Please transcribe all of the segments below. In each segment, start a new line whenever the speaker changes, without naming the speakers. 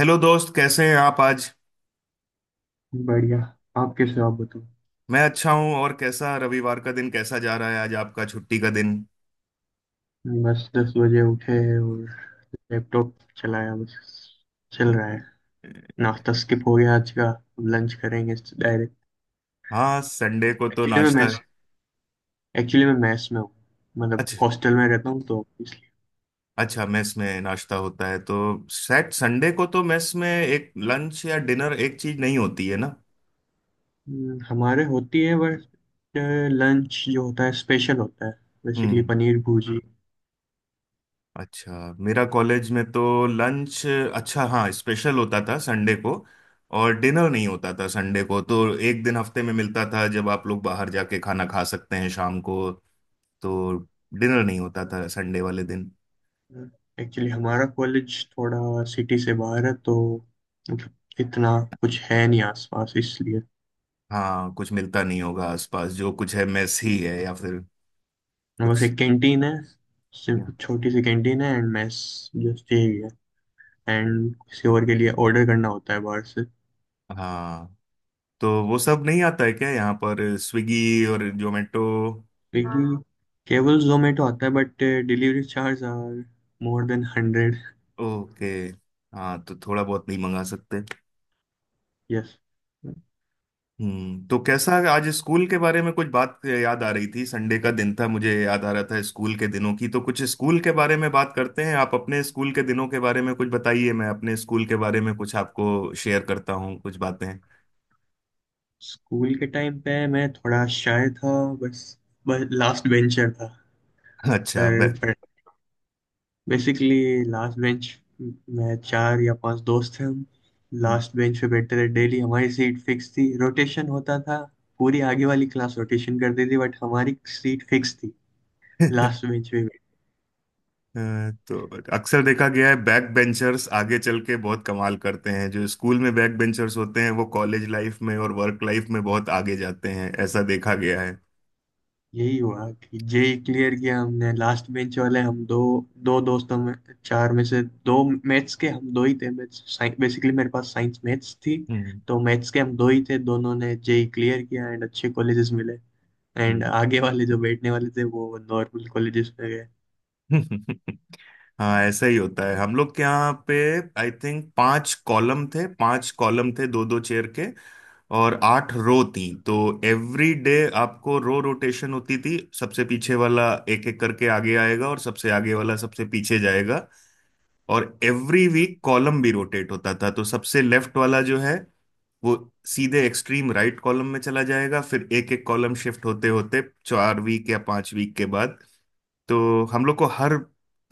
Hello दोस्त, कैसे हैं आप आज।
बढ़िया। आप कैसे हो? आप बताओ।
मैं अच्छा हूं। और कैसा रविवार का दिन, कैसा जा रहा है आज आपका छुट्टी का दिन।
बस 10 बजे उठे और लैपटॉप चलाया। बस चल रहा है। नाश्ता स्किप हो गया आज का, अब लंच करेंगे डायरेक्ट।
हाँ, संडे को तो
एक्चुअली मैं
नाश्ता।
मैस एक्चुअली मैं मैस में हूँ। मतलब
अच्छा।
हॉस्टल में रहता हूँ तो इसलिए।
अच्छा, मेस में नाश्ता होता है तो सैट संडे को तो मेस में एक लंच या डिनर, एक चीज नहीं होती है ना।
हमारे होती है। बस लंच जो होता है स्पेशल होता है, बेसिकली
हम्म।
पनीर भुर्जी।
अच्छा, मेरा कॉलेज में तो लंच, अच्छा हाँ स्पेशल होता था संडे को, और डिनर नहीं होता था संडे को। तो एक दिन हफ्ते में मिलता था जब आप लोग बाहर जाके खाना खा सकते हैं शाम को। तो डिनर नहीं होता था संडे वाले दिन।
एक्चुअली हमारा कॉलेज थोड़ा सिटी से बाहर है तो, मतलब इतना कुछ है नहीं आसपास इसलिए।
हाँ, कुछ मिलता नहीं होगा आसपास, जो कुछ है मेस ही है या फिर
बस
कुछ।
एक कैंटीन है।
या-
छोटी सी कैंटीन है एंड मेस। जस्ट यही है। एंड किसी और के लिए ऑर्डर करना होता है बाहर से।
हाँ तो वो सब नहीं आता है क्या यहाँ पर, स्विगी और जोमेटो।
स्विगी केवल जोमेटो आता है, but delivery charge are more then 100।
Okay. हाँ तो थोड़ा बहुत नहीं मंगा सकते।
यस।
हम्म। तो कैसा, आज स्कूल के बारे में कुछ बात याद आ रही थी। संडे का दिन था, मुझे याद आ रहा था स्कूल के दिनों की। तो कुछ स्कूल के बारे में बात करते हैं। आप अपने स्कूल के दिनों के बारे में कुछ बताइए, मैं अपने स्कूल के बारे में कुछ आपको शेयर करता हूँ कुछ बातें।
स्कूल के टाइम पे मैं थोड़ा शाय था। बस बस लास्ट बेंचर था।
अच्छा, बैक।
पर बेसिकली लास्ट बेंच में चार या पांच दोस्त थे हम। लास्ट बेंच पे बैठते थे डेली। हमारी सीट फिक्स थी, रोटेशन होता था। पूरी आगे वाली क्लास रोटेशन करती थी बट हमारी सीट फिक्स थी, लास्ट बेंच पे बैठ।
तो अक्सर देखा गया है, बैक बेंचर्स आगे चल के बहुत कमाल करते हैं। जो स्कूल में बैक बेंचर्स होते हैं वो कॉलेज लाइफ में और वर्क लाइफ में बहुत आगे जाते हैं, ऐसा देखा गया है।
यही हुआ कि जेई क्लियर किया हमने, लास्ट बेंच वाले हम दो, दो दोस्तों में, चार में से दो। मैथ्स के हम दो ही थे। मैथ्स बेसिकली मेरे पास साइंस मैथ्स थी।
हम्म।
तो मैथ्स के हम दो ही थे, दोनों ने जेई क्लियर किया एंड अच्छे कॉलेजेस मिले। एंड आगे वाले जो बैठने वाले थे वो नॉर्मल कॉलेजेस में गए।
हम्म। हाँ ऐसा ही होता है। हम लोग के यहाँ पे, आई थिंक 5 कॉलम थे, 5 कॉलम थे दो दो चेयर के, और 8 रो थी। तो एवरी डे आपको रो रोटेशन होती थी, सबसे पीछे वाला एक एक करके आगे आएगा और सबसे आगे वाला सबसे पीछे जाएगा। और एवरी वीक कॉलम भी रोटेट होता था, तो सबसे लेफ्ट वाला जो है वो सीधे एक्सट्रीम राइट कॉलम में चला जाएगा, फिर एक एक कॉलम शिफ्ट होते होते 4 वीक या 5 वीक के बाद तो हम लोग को हर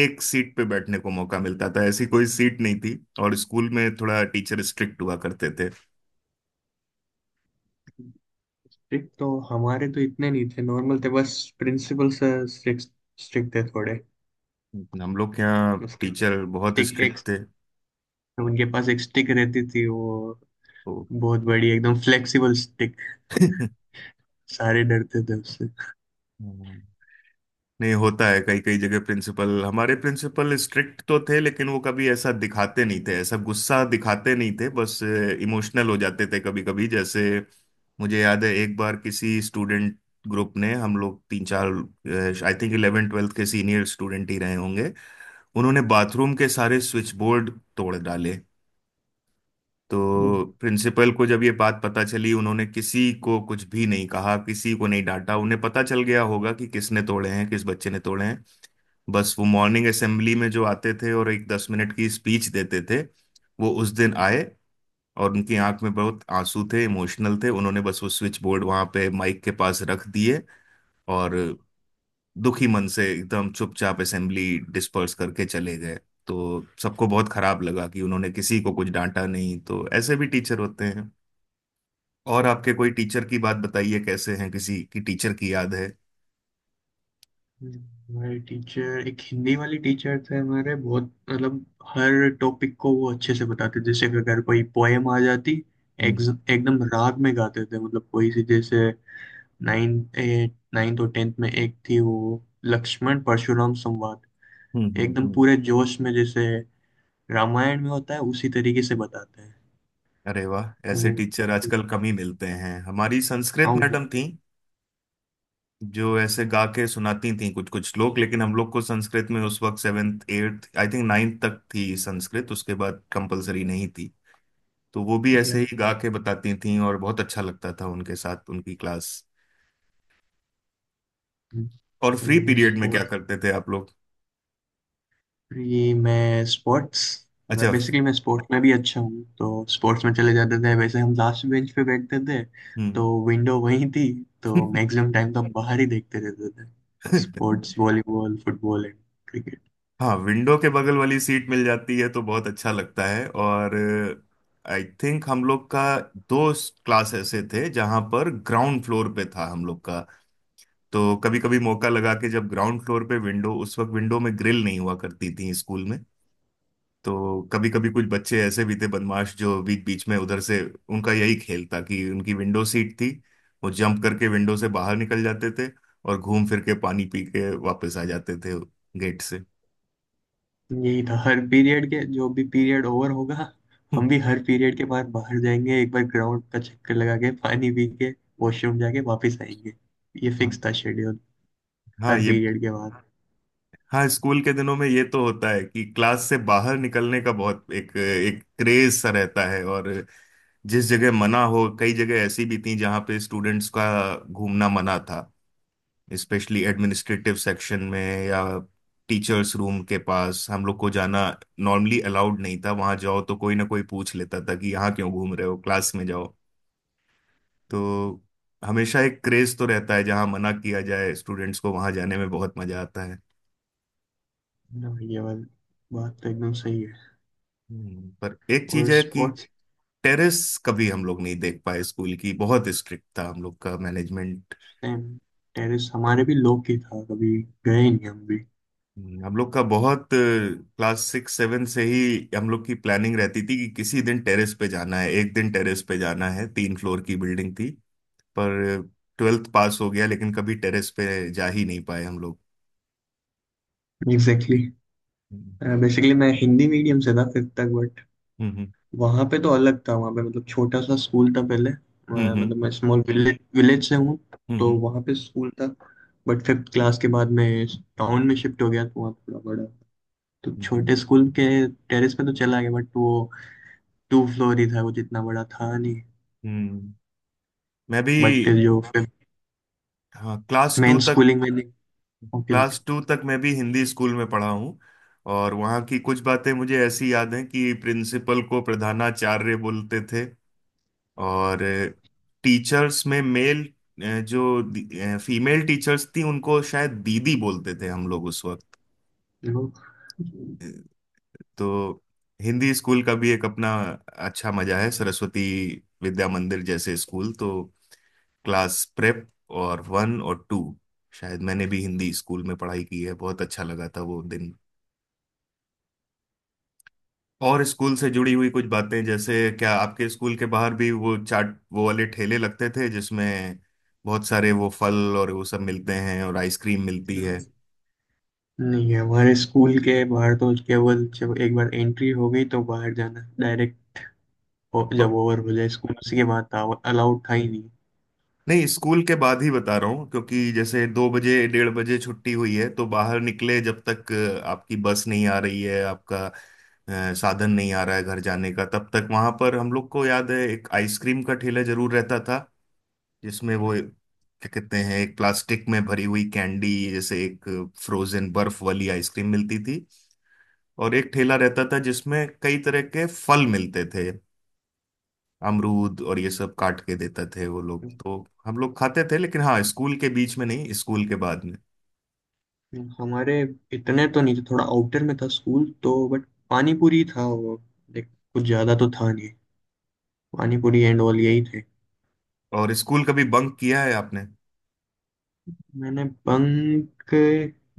एक सीट पे बैठने को मौका मिलता था, ऐसी कोई सीट नहीं थी। और स्कूल में थोड़ा टीचर स्ट्रिक्ट हुआ करते थे।
स्ट्रिक्ट तो हमारे तो इतने नहीं थे, नॉर्मल थे। बस प्रिंसिपल सर स्ट्रिक्ट, स्ट्रिक्ट थे थोड़े।
हम लोग के यहाँ
उसके
टीचर बहुत
स्टिक एक
स्ट्रिक्ट थे,
उनके पास एक स्टिक रहती थी, वो बहुत बड़ी एकदम फ्लेक्सिबल स्टिक।
तो
सारे डरते थे उससे।
नहीं होता है कई कई जगह प्रिंसिपल। हमारे प्रिंसिपल स्ट्रिक्ट तो थे, लेकिन वो कभी ऐसा दिखाते नहीं थे, ऐसा गुस्सा दिखाते नहीं थे, बस इमोशनल हो जाते थे कभी कभी। जैसे मुझे याद है एक बार किसी स्टूडेंट ग्रुप ने, हम लोग तीन चार, आई थिंक 11 12वीं के सीनियर स्टूडेंट ही रहे होंगे, उन्होंने बाथरूम के सारे स्विच बोर्ड तोड़ डाले।
तो,
तो प्रिंसिपल को जब ये बात पता चली, उन्होंने किसी को कुछ भी नहीं कहा, किसी को नहीं डांटा। उन्हें पता चल गया होगा कि किसने तोड़े हैं, किस बच्चे ने तोड़े हैं। बस वो मॉर्निंग असेंबली में जो आते थे और एक 10 मिनट की स्पीच देते थे, वो उस दिन आए और उनकी आंख में बहुत आंसू थे, इमोशनल थे। उन्होंने बस वो स्विच बोर्ड वहां पे माइक के पास रख दिए, और दुखी मन से एकदम चुपचाप असेंबली डिस्पर्स करके चले गए। तो सबको बहुत खराब लगा कि उन्होंने किसी को कुछ डांटा नहीं। तो ऐसे भी टीचर होते हैं। और आपके कोई टीचर की बात बताइए, कैसे हैं, किसी की टीचर की याद है।
हमारे टीचर एक हिंदी वाली टीचर थे हमारे, बहुत मतलब हर टॉपिक को वो अच्छे से बताते। जैसे कि अगर कोई पोएम आ जाती, एक,
हम्म।
एकदम राग में गाते थे। मतलब कोई सी, जैसे नाइन्थ, एट नाइन्थ और टेंथ में एक थी वो, लक्ष्मण परशुराम संवाद।
हम्म।
एकदम
हम्म।
पूरे जोश में, जैसे रामायण में होता है उसी तरीके से बताते हैं।
अरे वाह, ऐसे
वो
टीचर आजकल कम ही मिलते हैं। हमारी संस्कृत
आओ।
मैडम थी जो ऐसे गा के सुनाती थी कुछ कुछ श्लोक। लेकिन हम लोग को संस्कृत में उस वक्त seventh eighth, I think ninth तक थी संस्कृत, उसके बाद कंपलसरी नहीं थी। तो वो भी ऐसे ही गा के बताती थी और बहुत अच्छा लगता था उनके साथ उनकी क्लास। और फ्री पीरियड में क्या
स्पोर्ट्स।
करते थे आप लोग।
ये मैं स्पोर्ट्स मैं
अच्छा।
बेसिकली मैं स्पोर्ट्स में भी अच्छा हूँ, तो स्पोर्ट्स में चले जाते थे। वैसे हम लास्ट बेंच पे बैठते थे
हम्म।
तो विंडो वहीं थी, तो मैक्सिमम टाइम तो हम बाहर ही देखते रहते थे। Sports, volleyball, football and.
हाँ विंडो के बगल वाली सीट मिल जाती है तो बहुत अच्छा लगता है। और आई थिंक हम लोग का दो क्लास ऐसे थे जहां पर ग्राउंड फ्लोर पे था हम लोग का। तो कभी कभी मौका लगा के, जब ग्राउंड फ्लोर पे विंडो, उस वक्त विंडो में ग्रिल नहीं हुआ करती थी स्कूल में, तो कभी कभी कुछ बच्चे ऐसे भी थे बदमाश जो बीच बीच में उधर से, उनका यही खेल था कि उनकी विंडो सीट थी, वो जंप करके विंडो से बाहर निकल जाते थे और घूम फिर के पानी पी के वापस आ जाते थे गेट से।
यही था हर पीरियड के, जो भी पीरियड ओवर होगा। हम भी हर पीरियड के बाद बाहर जाएंगे, एक बार ग्राउंड का चक्कर लगा के, पानी पी के, वॉशरूम जाके वापस आएंगे। ये
हम्म।
फिक्स था शेड्यूल,
हाँ
हर
ये।
पीरियड के बाद।
हाँ स्कूल के दिनों में ये तो होता है कि क्लास से बाहर निकलने का बहुत एक एक क्रेज सा रहता है। और जिस जगह मना हो, कई जगह ऐसी भी थी जहाँ पे स्टूडेंट्स का घूमना मना था, स्पेशली एडमिनिस्ट्रेटिव सेक्शन में या टीचर्स रूम के पास। हम लोग को जाना नॉर्मली अलाउड नहीं था, वहां जाओ तो कोई ना कोई पूछ लेता था कि यहाँ क्यों घूम रहे हो, क्लास में जाओ। तो हमेशा एक क्रेज तो रहता है, जहाँ मना किया जाए स्टूडेंट्स को, वहां जाने में बहुत मजा आता है।
ना, ये वाली बात तो एकदम सही है।
हम्म। पर एक चीज
और
है कि
स्पोर्ट्स।
टेरेस कभी हम लोग नहीं देख पाए स्कूल की। बहुत स्ट्रिक्ट था हम लोग का मैनेजमेंट।
सेम। टेरिस हमारे भी लोग की था, कभी गए नहीं हम भी।
हम्म। हम लोग का बहुत, क्लास 6 7 से ही हम लोग की प्लानिंग रहती थी कि किसी दिन टेरेस पे जाना है, एक दिन टेरेस पे जाना है। 3 फ्लोर की बिल्डिंग थी, पर ट्वेल्थ पास हो गया लेकिन कभी टेरेस पे जा ही नहीं पाए हम लोग।
एग्जैक्टली।
हम्म।
बेसिकली मैं हिंदी मीडियम से था फिफ्थ तक।
हम्म।
वहां पे तो अलग था, वहां पे मतलब छोटा सा स्कूल था पहले।
हम्म।
मतलब
हम्म।
मैं स्मॉल विलेज विलेज से हूँ। तो
हम्म।
वहां पे स्कूल था। बट फिफ्थ क्लास के बाद मैं टाउन में शिफ्ट हो गया, तो वहाँ थोड़ा बड़ा। तो
हम्म। जी।
छोटे स्कूल के टेरेस पे तो चला गया, बट वो टू फ्लोर ही था, वो जितना बड़ा था नहीं।
हम्म। मैं भी,
बट जो फिफ्थ,
हाँ
मेन स्कूलिंग में नहीं। Okay okay.
क्लास टू तक मैं भी हिंदी स्कूल में पढ़ा हूँ। और वहाँ की कुछ बातें मुझे ऐसी याद हैं कि प्रिंसिपल को प्रधानाचार्य बोलते थे। और टीचर्स में मेल, जो फीमेल टीचर्स थी उनको शायद दीदी बोलते थे हम लोग उस वक्त। अ, तो हिंदी स्कूल का भी एक अपना अच्छा मजा है। सरस्वती विद्या मंदिर जैसे स्कूल तो, क्लास प्रेप और वन और टू शायद मैंने भी हिंदी स्कूल में पढ़ाई की है। बहुत अच्छा लगा था वो दिन। और स्कूल से जुड़ी हुई कुछ बातें, जैसे क्या आपके स्कूल के बाहर भी वो चाट वो वाले ठेले लगते थे जिसमें बहुत सारे वो फल और वो सब मिलते हैं और आइसक्रीम मिलती है।
नहीं है हमारे स्कूल के बाहर तो। केवल जब एक बार एंट्री हो गई तो बाहर जाना डायरेक्ट जब
प-
ओवर हो जाए स्कूल उसी के बाद था, अलाउड था ही।
नहीं, स्कूल के बाद ही बता रहा हूँ। क्योंकि जैसे 2 बजे 1:30 बजे छुट्टी हुई है तो बाहर निकले, जब तक आपकी बस नहीं आ रही है, आपका साधन नहीं आ रहा है घर जाने का, तब तक वहां पर हम लोग को याद है एक आइसक्रीम का ठेला जरूर रहता था, जिसमें वो क्या कहते हैं एक प्लास्टिक में भरी हुई कैंडी जैसे एक फ्रोजन बर्फ वाली आइसक्रीम मिलती थी। और एक ठेला रहता था जिसमें कई तरह के फल मिलते थे, अमरूद, और ये सब काट के देते थे वो लोग, तो हम लोग खाते थे। लेकिन हाँ, स्कूल के बीच में नहीं, स्कूल के बाद में।
हमारे इतने तो नहीं थे, थोड़ा आउटर में था स्कूल तो। बट पानी पूरी था वो, देख कुछ ज्यादा तो था नहीं। पानी पूरी एंड ऑल यही थे।
और स्कूल कभी बंक किया है आपने।
मैंने बंक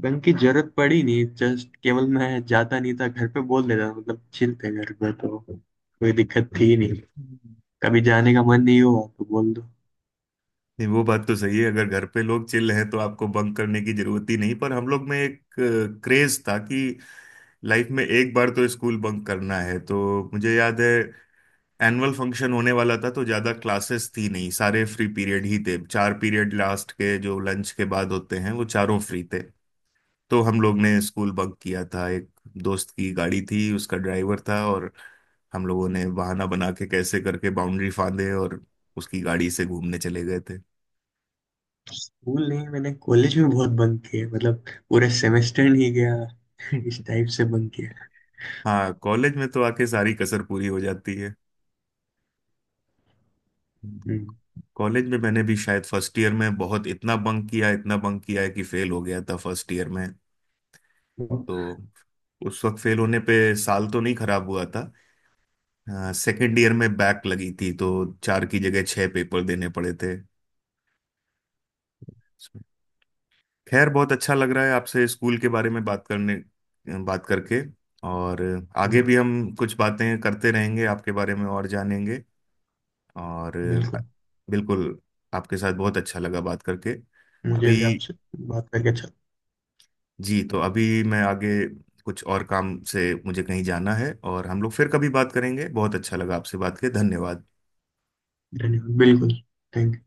बंक की जरूरत पड़ी नहीं। जस्ट केवल मैं जाता नहीं था, घर पे बोल देता था, मतलब चिल थे घर पे तो कोई दिक्कत थी नहीं।
हम्म।
कभी जाने का मन नहीं हुआ तो बोल दो।
नहीं वो बात तो सही है, अगर घर पे लोग चिल हैं तो आपको बंक करने की जरूरत ही नहीं। पर हम लोग में एक क्रेज था कि लाइफ में एक बार तो स्कूल बंक करना है। तो मुझे याद है एनुअल फंक्शन होने वाला था, तो ज्यादा क्लासेस थी नहीं, सारे फ्री पीरियड ही थे, 4 पीरियड लास्ट के जो लंच के बाद होते हैं वो चारों फ्री थे। तो हम लोग ने स्कूल बंक किया था। एक दोस्त की गाड़ी थी, उसका ड्राइवर था, और हम लोगों ने बहाना बना के कैसे करके बाउंड्री फांदे और उसकी गाड़ी से घूमने चले गए थे।
स्कूल नहीं, मैंने कॉलेज में बहुत बंक किया। मतलब पूरे सेमेस्टर नहीं गया, इस टाइप से बंक किया।
हाँ कॉलेज में तो आके सारी कसर पूरी हो जाती है।
हम्म।
कॉलेज में मैंने भी शायद फर्स्ट ईयर में बहुत, इतना बंक किया है कि फेल हो गया था फर्स्ट ईयर में। तो उस वक्त फेल होने पे साल तो नहीं खराब हुआ था, सेकंड ईयर में बैक लगी थी तो 4 की जगह 6 पेपर देने पड़े थे। खैर बहुत अच्छा लग रहा है आपसे स्कूल के बारे में बात करके। और आगे भी हम कुछ बातें करते रहेंगे, आपके बारे में और जानेंगे। और
बिल्कुल।
बिल्कुल, आपके साथ बहुत अच्छा लगा बात करके।
मुझे
अभी
भी आपसे बात करके अच्छा।
जी, तो अभी मैं आगे कुछ और काम से, मुझे कहीं जाना है, और हम लोग फिर कभी बात करेंगे। बहुत अच्छा लगा आपसे बात करके, धन्यवाद।
धन्यवाद। बिल्कुल। Thank you.